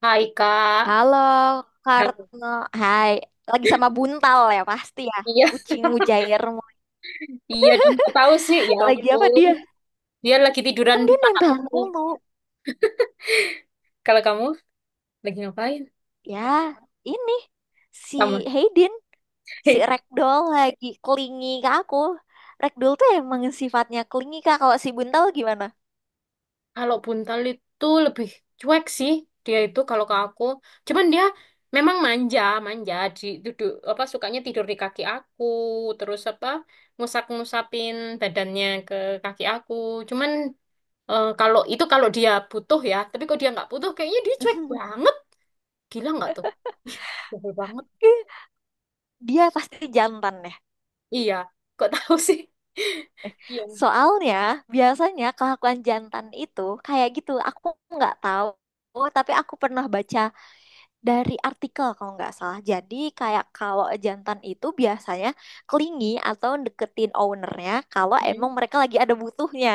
Hai Kak. Halo, Nah, Karno. Hai, lagi sama Buntal ya pasti ya. iya, Kucing mujairmu. iya dong. Kok tahu sih? Ya Lagi apa ampun. dia? Dia lagi tiduran Kan di dia nempel aku. mulu. Kalau kamu lagi ngapain? Ya, ini si Sama. Hayden, si Ragdoll lagi klingi ke aku. Ragdoll tuh emang sifatnya klingi Kak. Kalau si Buntal gimana? Kalau buntal itu lebih cuek sih. Dia itu kalau ke aku. Cuman dia memang manja, manja. Di duduk apa sukanya tidur di kaki aku. Terus apa ngusap-ngusapin badannya ke kaki aku. Cuman kalau itu kalau dia butuh ya. Tapi kalau dia nggak butuh, kayaknya dia cuek banget. Gila nggak tuh? Ih, sebel banget. Dia pasti jantan ya. Iya, kok tahu sih? Iya, Soalnya biasanya kelakuan jantan itu kayak gitu. Aku nggak tahu, tapi aku pernah baca dari artikel kalau nggak salah. Jadi kayak kalau jantan itu biasanya clingy atau deketin ownernya kalau emang nyanyi. mereka lagi ada butuhnya.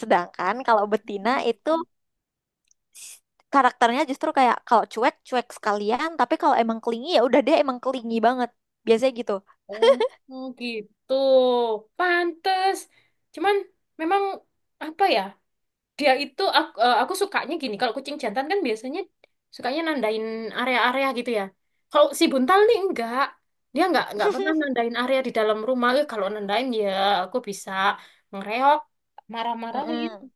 Sedangkan kalau betina itu s- karakternya justru kayak kalau cuek cuek sekalian, tapi kalau emang clingy ya udah dia emang clingy banget. Biasanya gitu. Oh, oh gitu. Pantes. Cuman memang apa ya? Dia itu aku, aku sukanya gini. Kalau kucing jantan kan biasanya sukanya nandain area-area gitu ya. Kalau si buntal nih enggak. Dia enggak pernah nandain area di dalam rumah. Eh, kalau nandain ya aku bisa ngereok, marah-marahin. Mm-mm.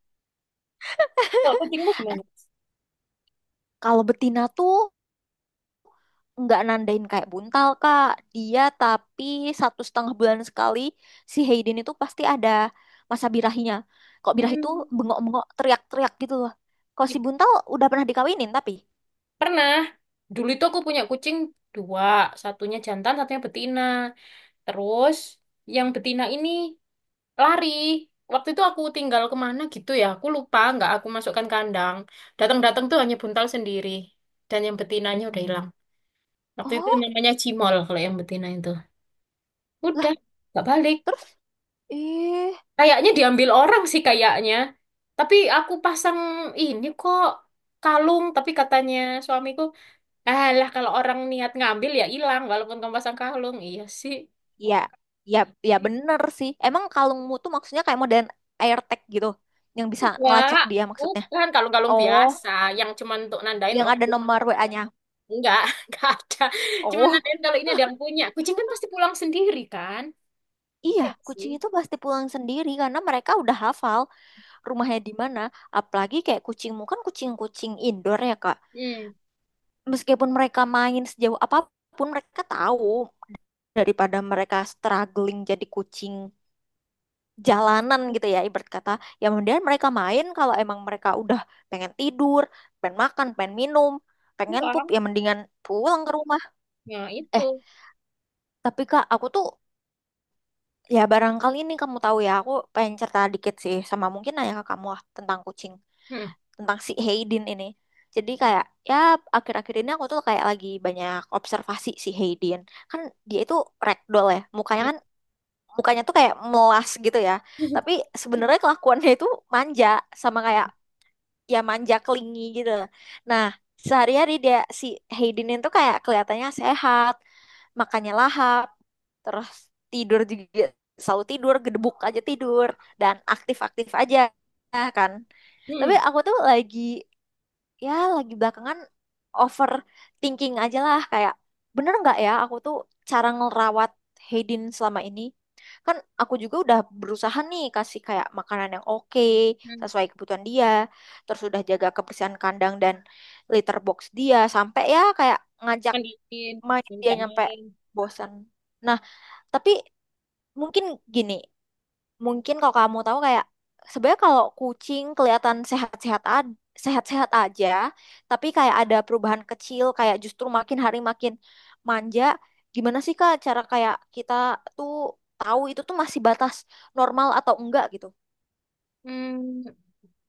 Kalau kucingmu gimana? Kalau betina tuh nggak nandain kayak buntal kak, dia tapi satu setengah bulan sekali si Hayden itu pasti ada masa birahinya, kok birah itu Hmm. bengok-bengok teriak-teriak gitu loh. Kalau si buntal udah pernah dikawinin tapi Pernah. Dulu itu aku punya kucing dua, satunya jantan, satunya betina. Terus yang betina ini lari. Waktu itu aku tinggal kemana gitu ya, aku lupa, nggak aku masukkan kandang. Datang-datang tuh hanya buntal sendiri. Dan yang betinanya udah hilang. Waktu itu oh namanya Cimol kalau yang betina itu. lah, Udah, nggak balik. terus eh Kayaknya diambil orang sih kayaknya. Tapi aku pasang ini kok kalung, tapi katanya suamiku ah lah kalau orang niat ngambil ya hilang walaupun kamu pasang kalung. Iya sih. ya, ya, ya, bener sih emang kalungmu tuh maksudnya kayak modern AirTag gitu yang bisa Enggak. ngelacak dia maksudnya. Bukan kalung-kalung Oh, biasa yang cuman untuk nandain yang oh ada nomor WA-nya. enggak, enggak ada. Cuman Oh nandain kalau ini ada yang punya. Kucing kan pasti pulang sendiri kan? iya, Iya nggak sih. kucing itu pasti pulang sendiri karena mereka udah hafal rumahnya di mana. Apalagi kayak kucingmu kan kucing-kucing indoor ya Kak. Hmm. Meskipun mereka main sejauh apapun mereka tahu daripada mereka struggling jadi kucing jalanan Kalau gitu ya ibarat kata. Ya kemudian mereka main, kalau emang mereka udah pengen tidur, pengen makan, pengen minum, pengen pup, pulang. ya mendingan pulang ke rumah. Ya Eh, itu. tapi Kak aku tuh, ya barangkali ini kamu tahu ya, aku pengen cerita dikit sih sama mungkin ayah kamu ah, tentang kucing. Hmm. Tentang si Hayden ini. Jadi kayak ya akhir-akhir ini aku tuh kayak lagi banyak observasi si Hayden. Kan dia itu ragdoll ya. Mukanya Hmm. kan mukanya tuh kayak melas gitu ya. Tapi sebenarnya kelakuannya itu manja, sama kayak ya manja kelingi gitu. Nah, sehari-hari dia si Hayden itu kayak kelihatannya sehat, makannya lahap, terus tidur juga selalu tidur, gedebuk aja tidur, dan aktif-aktif aja kan. Tapi Hmm. aku tuh lagi ya lagi belakangan overthinking aja lah kayak bener nggak ya aku tuh cara ngerawat Haydin selama ini. Kan aku juga udah berusaha nih kasih kayak makanan yang oke Hmm. sesuai kebutuhan dia, terus udah jaga kebersihan kandang dan litter box dia, sampai ya kayak ngajak Mandiin, main dia minjak nyampe main. bosan. Nah, tapi mungkin gini, mungkin kalau kamu tahu kayak sebenarnya kalau kucing kelihatan sehat-sehat aja, tapi kayak ada perubahan kecil kayak justru makin hari makin manja. Gimana sih Kak cara kayak kita tuh tahu itu tuh masih batas normal atau enggak gitu? Hmm,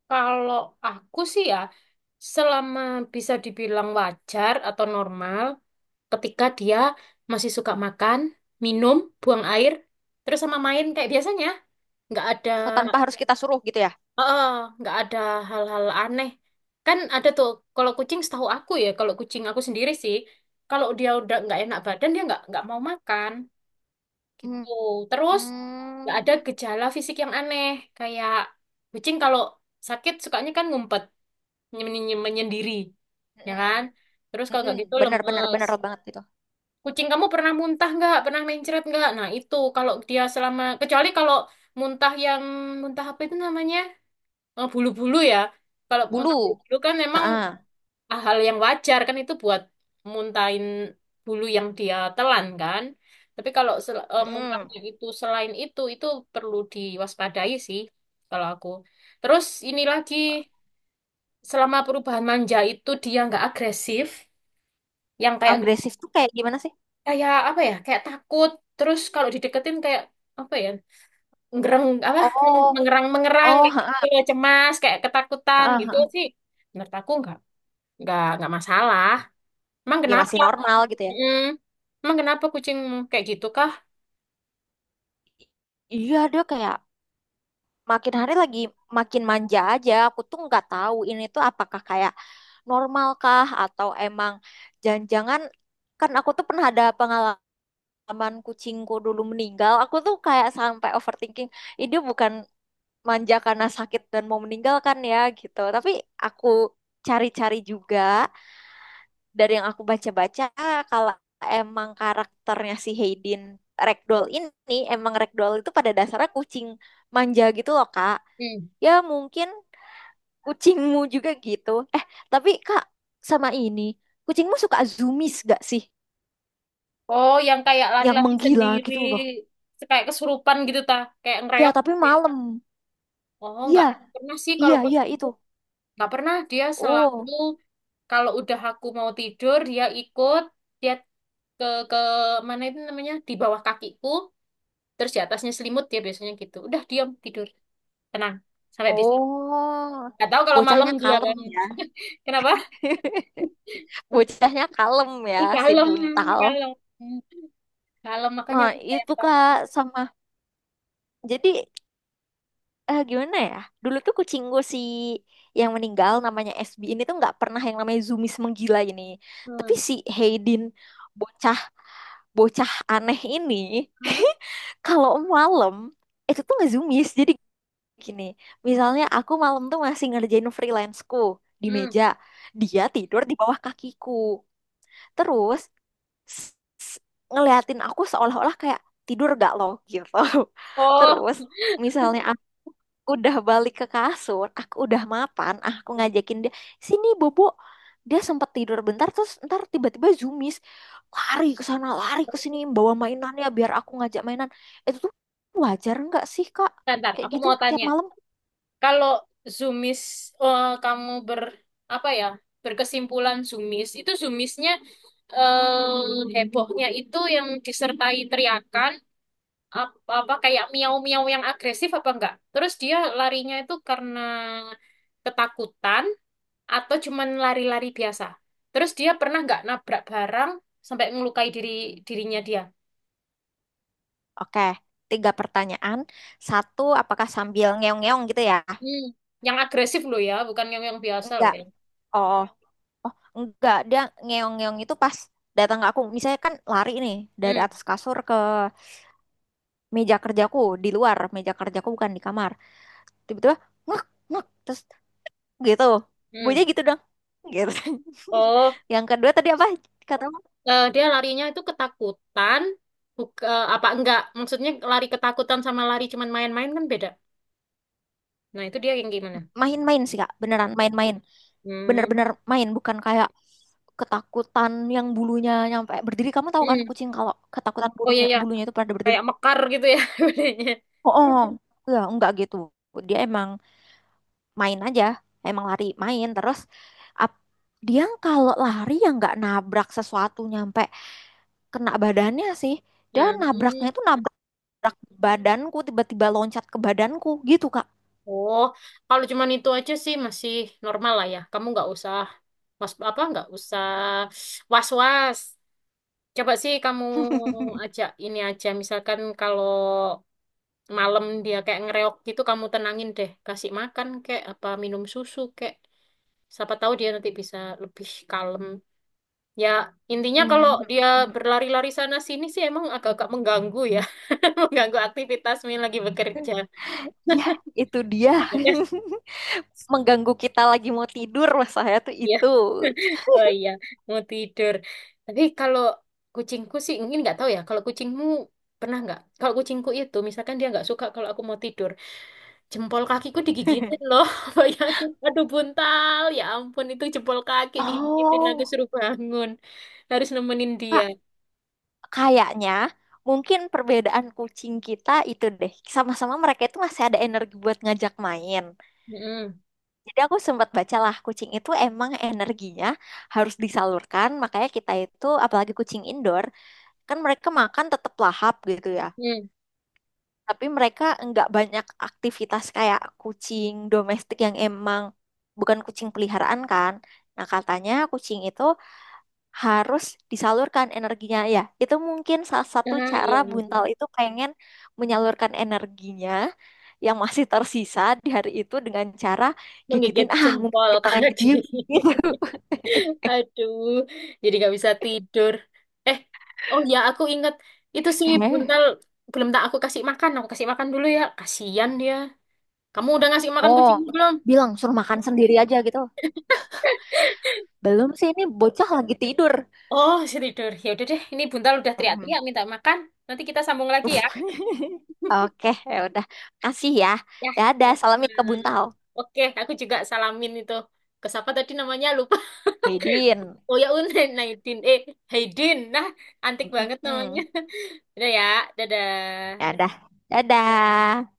kalau aku sih ya, selama bisa dibilang wajar atau normal, ketika dia masih suka makan, minum, buang air, terus sama main kayak biasanya. Nggak ada, Oh, tanpa harus kita suruh gitu ya? eh, nggak ada hal-hal aneh. Kan ada tuh, kalau kucing setahu aku ya, kalau kucing aku sendiri sih, kalau dia udah nggak enak badan, dia nggak mau makan Hmm. gitu. Terus nggak ada hmm gejala fisik yang aneh, kayak kucing kalau sakit sukanya kan ngumpet, nyemen- menyendiri, ya kan? Terus kalau nggak gitu Benar-benar, benar benar lemes. benar banget itu. Kucing kamu pernah muntah nggak? Pernah mencret nggak? Nah itu kalau dia selama kecuali kalau muntah yang muntah apa itu namanya eh, bulu-bulu ya. Kalau muntah Bulu. bulu-bulu kan memang Heeh. hal yang wajar kan itu buat muntahin bulu yang dia telan kan. Tapi kalau sel- Mm-mm. muntahnya itu selain itu perlu diwaspadai sih kalau aku. Terus ini lagi selama perubahan manja itu dia nggak agresif, yang kayak Agresif tuh kayak gimana sih? kayak apa ya kayak takut terus kalau dideketin kayak apa ya ngereng apa Oh, mengerang mengerang oh, kayak gitu heeh, kayak cemas kayak ketakutan heeh, gitu heeh. sih menurut aku nggak nggak masalah emang Ya kenapa. masih normal gitu ya. Mm. Emang kenapa kucing kayak gitu kah. Iya dia kayak makin hari lagi makin manja aja. Aku tuh nggak tahu ini tuh apakah kayak normalkah atau emang jangan-jangan, kan aku tuh pernah ada pengalaman kucingku dulu meninggal. Aku tuh kayak sampai overthinking. Ini dia bukan manja karena sakit dan mau meninggalkan ya gitu. Tapi aku cari-cari juga dari yang aku baca-baca, kalau emang karakternya si Hayden Ragdoll ini, emang Ragdoll itu pada dasarnya kucing manja gitu loh Kak. Mm. Ya mungkin kucingmu juga gitu. Eh, tapi Kak, sama ini, kucingmu suka zoomies gak sih, Oh yang kayak yang lari-lari menggila sendiri gitu loh? kayak kesurupan gitu ta kayak Ya ngereok tapi gitu ya. malam. Oh Iya, nggak pernah sih kalau iya kucing itu. itu. Nggak pernah dia selalu Oh, kalau udah aku mau tidur dia ikut dia ke ke mana itu namanya di bawah kakiku terus di atasnya selimut dia biasanya gitu udah diam tidur tenang sampai besok oh, nggak tahu kalau malam bocahnya dia kalem kan. ya. Kenapa Bocahnya kalem ih ya, si kalem buntal. kalem kalem makanya Nah aku sayang itu banget. Kak, sama, jadi eh gimana ya? Dulu tuh kucing gue si yang meninggal namanya SB ini tuh nggak pernah yang namanya Zumis menggila ini. Tapi Hmm. si Haydin, bocah bocah aneh ini, Hmm? kalau malam itu tuh nggak Zumis. Jadi gini, misalnya aku malam tuh masih ngerjain freelanceku di Hmm. meja, dia tidur di bawah kakiku. Terus s- s- ngeliatin aku seolah-olah kayak tidur gak lo gitu. Oh, Terus misalnya udah balik ke kasur, aku udah mapan, ah, aku ngajakin dia, sini Bobo. Dia sempat tidur bentar, terus ntar tiba-tiba zoomies. Lari ke sana, lari ke sini, bawa mainannya biar aku ngajak mainan. Itu tuh wajar nggak sih, Kak? bentar. Kayak Aku gitu, mau tiap tanya malam. kalau zoomies kamu ber apa ya berkesimpulan zoomies itu zoomiesnya eh hebohnya itu yang disertai teriakan ap- apa kayak miau-miau yang agresif apa enggak? Terus dia larinya itu karena ketakutan atau cuman lari-lari biasa? Terus dia pernah nggak nabrak barang sampai ngelukai dirinya dia? Oke, tiga pertanyaan. Satu, apakah sambil ngeong-ngeong gitu ya? Hmm, yang agresif loh ya, bukan yang yang biasa loh Enggak. ya. Oh, oh enggak. Dia ngeong-ngeong itu pas datang ke aku. Misalnya kan lari nih, dari Hmm, atas kasur ke meja kerjaku, di luar meja kerjaku bukan di kamar, tiba-tiba ngek ngek terus gitu, bunyinya hmm. gitu dong gitu. Oh, Yang kedua tadi apa kata kamu? Dia larinya itu ketakutan, buka, apa enggak? Maksudnya lari ketakutan sama lari cuman main-main kan beda. Nah, itu dia yang gimana? Main-main sih kak, beneran main-main, Hmm, bener-bener main, bukan kayak ketakutan yang bulunya nyampe berdiri. Kamu tahu kan hmm. kucing kalau ketakutan Oh iya bulunya ya, bulunya itu pada berdiri. kayak mekar gitu ya bunyinya. Oh, oh. Ya, enggak gitu, dia emang main aja, emang lari main. Terus ap- dia kalau lari ya nggak nabrak sesuatu nyampe kena badannya sih. Dia nabraknya Hmm. itu nabrak gerak badanku, tiba-tiba loncat ke badanku gitu Kak. Oh, kalau cuman itu aja sih masih normal lah ya. Kamu nggak usah was apa nggak usah was-was. Coba sih kamu ajak ini aja. Misalkan kalau malam dia kayak ngereok gitu, kamu tenangin deh. Kasih makan kayak apa minum susu kayak. Siapa tahu dia nanti bisa lebih kalem. Ya, intinya kalau Mhm. dia berlari-lari sana sini sih emang agak-agak mengganggu ya. Mengganggu aktivitasmu yang lagi bekerja. Ya, itu dia. Mengganggu kita lagi mau tidur mas saya tuh Iya. itu. Oh iya, mau tidur. Tapi kalau kucingku sih, mungkin nggak tahu ya. Kalau kucingmu pernah nggak? Kalau kucingku itu, misalkan dia nggak suka kalau aku mau tidur, jempol kakiku digigitin loh. Bayangin, aduh buntal. Ya ampun, itu jempol kaki digigitin. Aku Oh, suruh bangun, harus nemenin dia. Kak, kayaknya mungkin perbedaan kucing kita itu deh. Sama-sama mereka itu masih ada energi buat ngajak main. Mm-mm. Jadi aku sempat bacalah kucing itu emang energinya harus disalurkan. Makanya kita itu, apalagi kucing indoor, kan mereka makan tetap lahap gitu ya. Mm. Tapi mereka nggak banyak aktivitas kayak kucing domestik yang emang bukan kucing peliharaan kan. Nah, katanya kucing itu harus disalurkan energinya ya. Itu mungkin salah satu Ah iya, cara ampun. Buntal itu pengen menyalurkan energinya yang masih tersisa di hari itu dengan cara gigitin Menggigit ah mumpung jempol kita lagi kaki. diem gitu. Aduh, jadi gak bisa tidur. Eh, oh ya aku ingat itu si Eh, Buntal belum tak aku kasih makan. Aku kasih makan dulu ya. Kasihan dia. Kamu udah ngasih makan oh, kucing belum? bilang suruh makan sendiri aja gitu. Belum sih ini bocah lagi tidur. Oh, si tidur. Ya udah deh, ini Buntal udah Mm-mm. teriak-teriak minta makan. Nanti kita sambung lagi ya. Oke, ya udah. Kasih ya. Ya. Dadah, Sama-sama. salamin ke Buntal. Oke, aku juga salamin itu. Ke siapa tadi namanya? Lupa. Hidin. Oh ya, Unen, Naidin. Eh, Haidin. Nah, antik banget namanya. Mm-mm. Udah ya, dadah. Dadah. Dadah.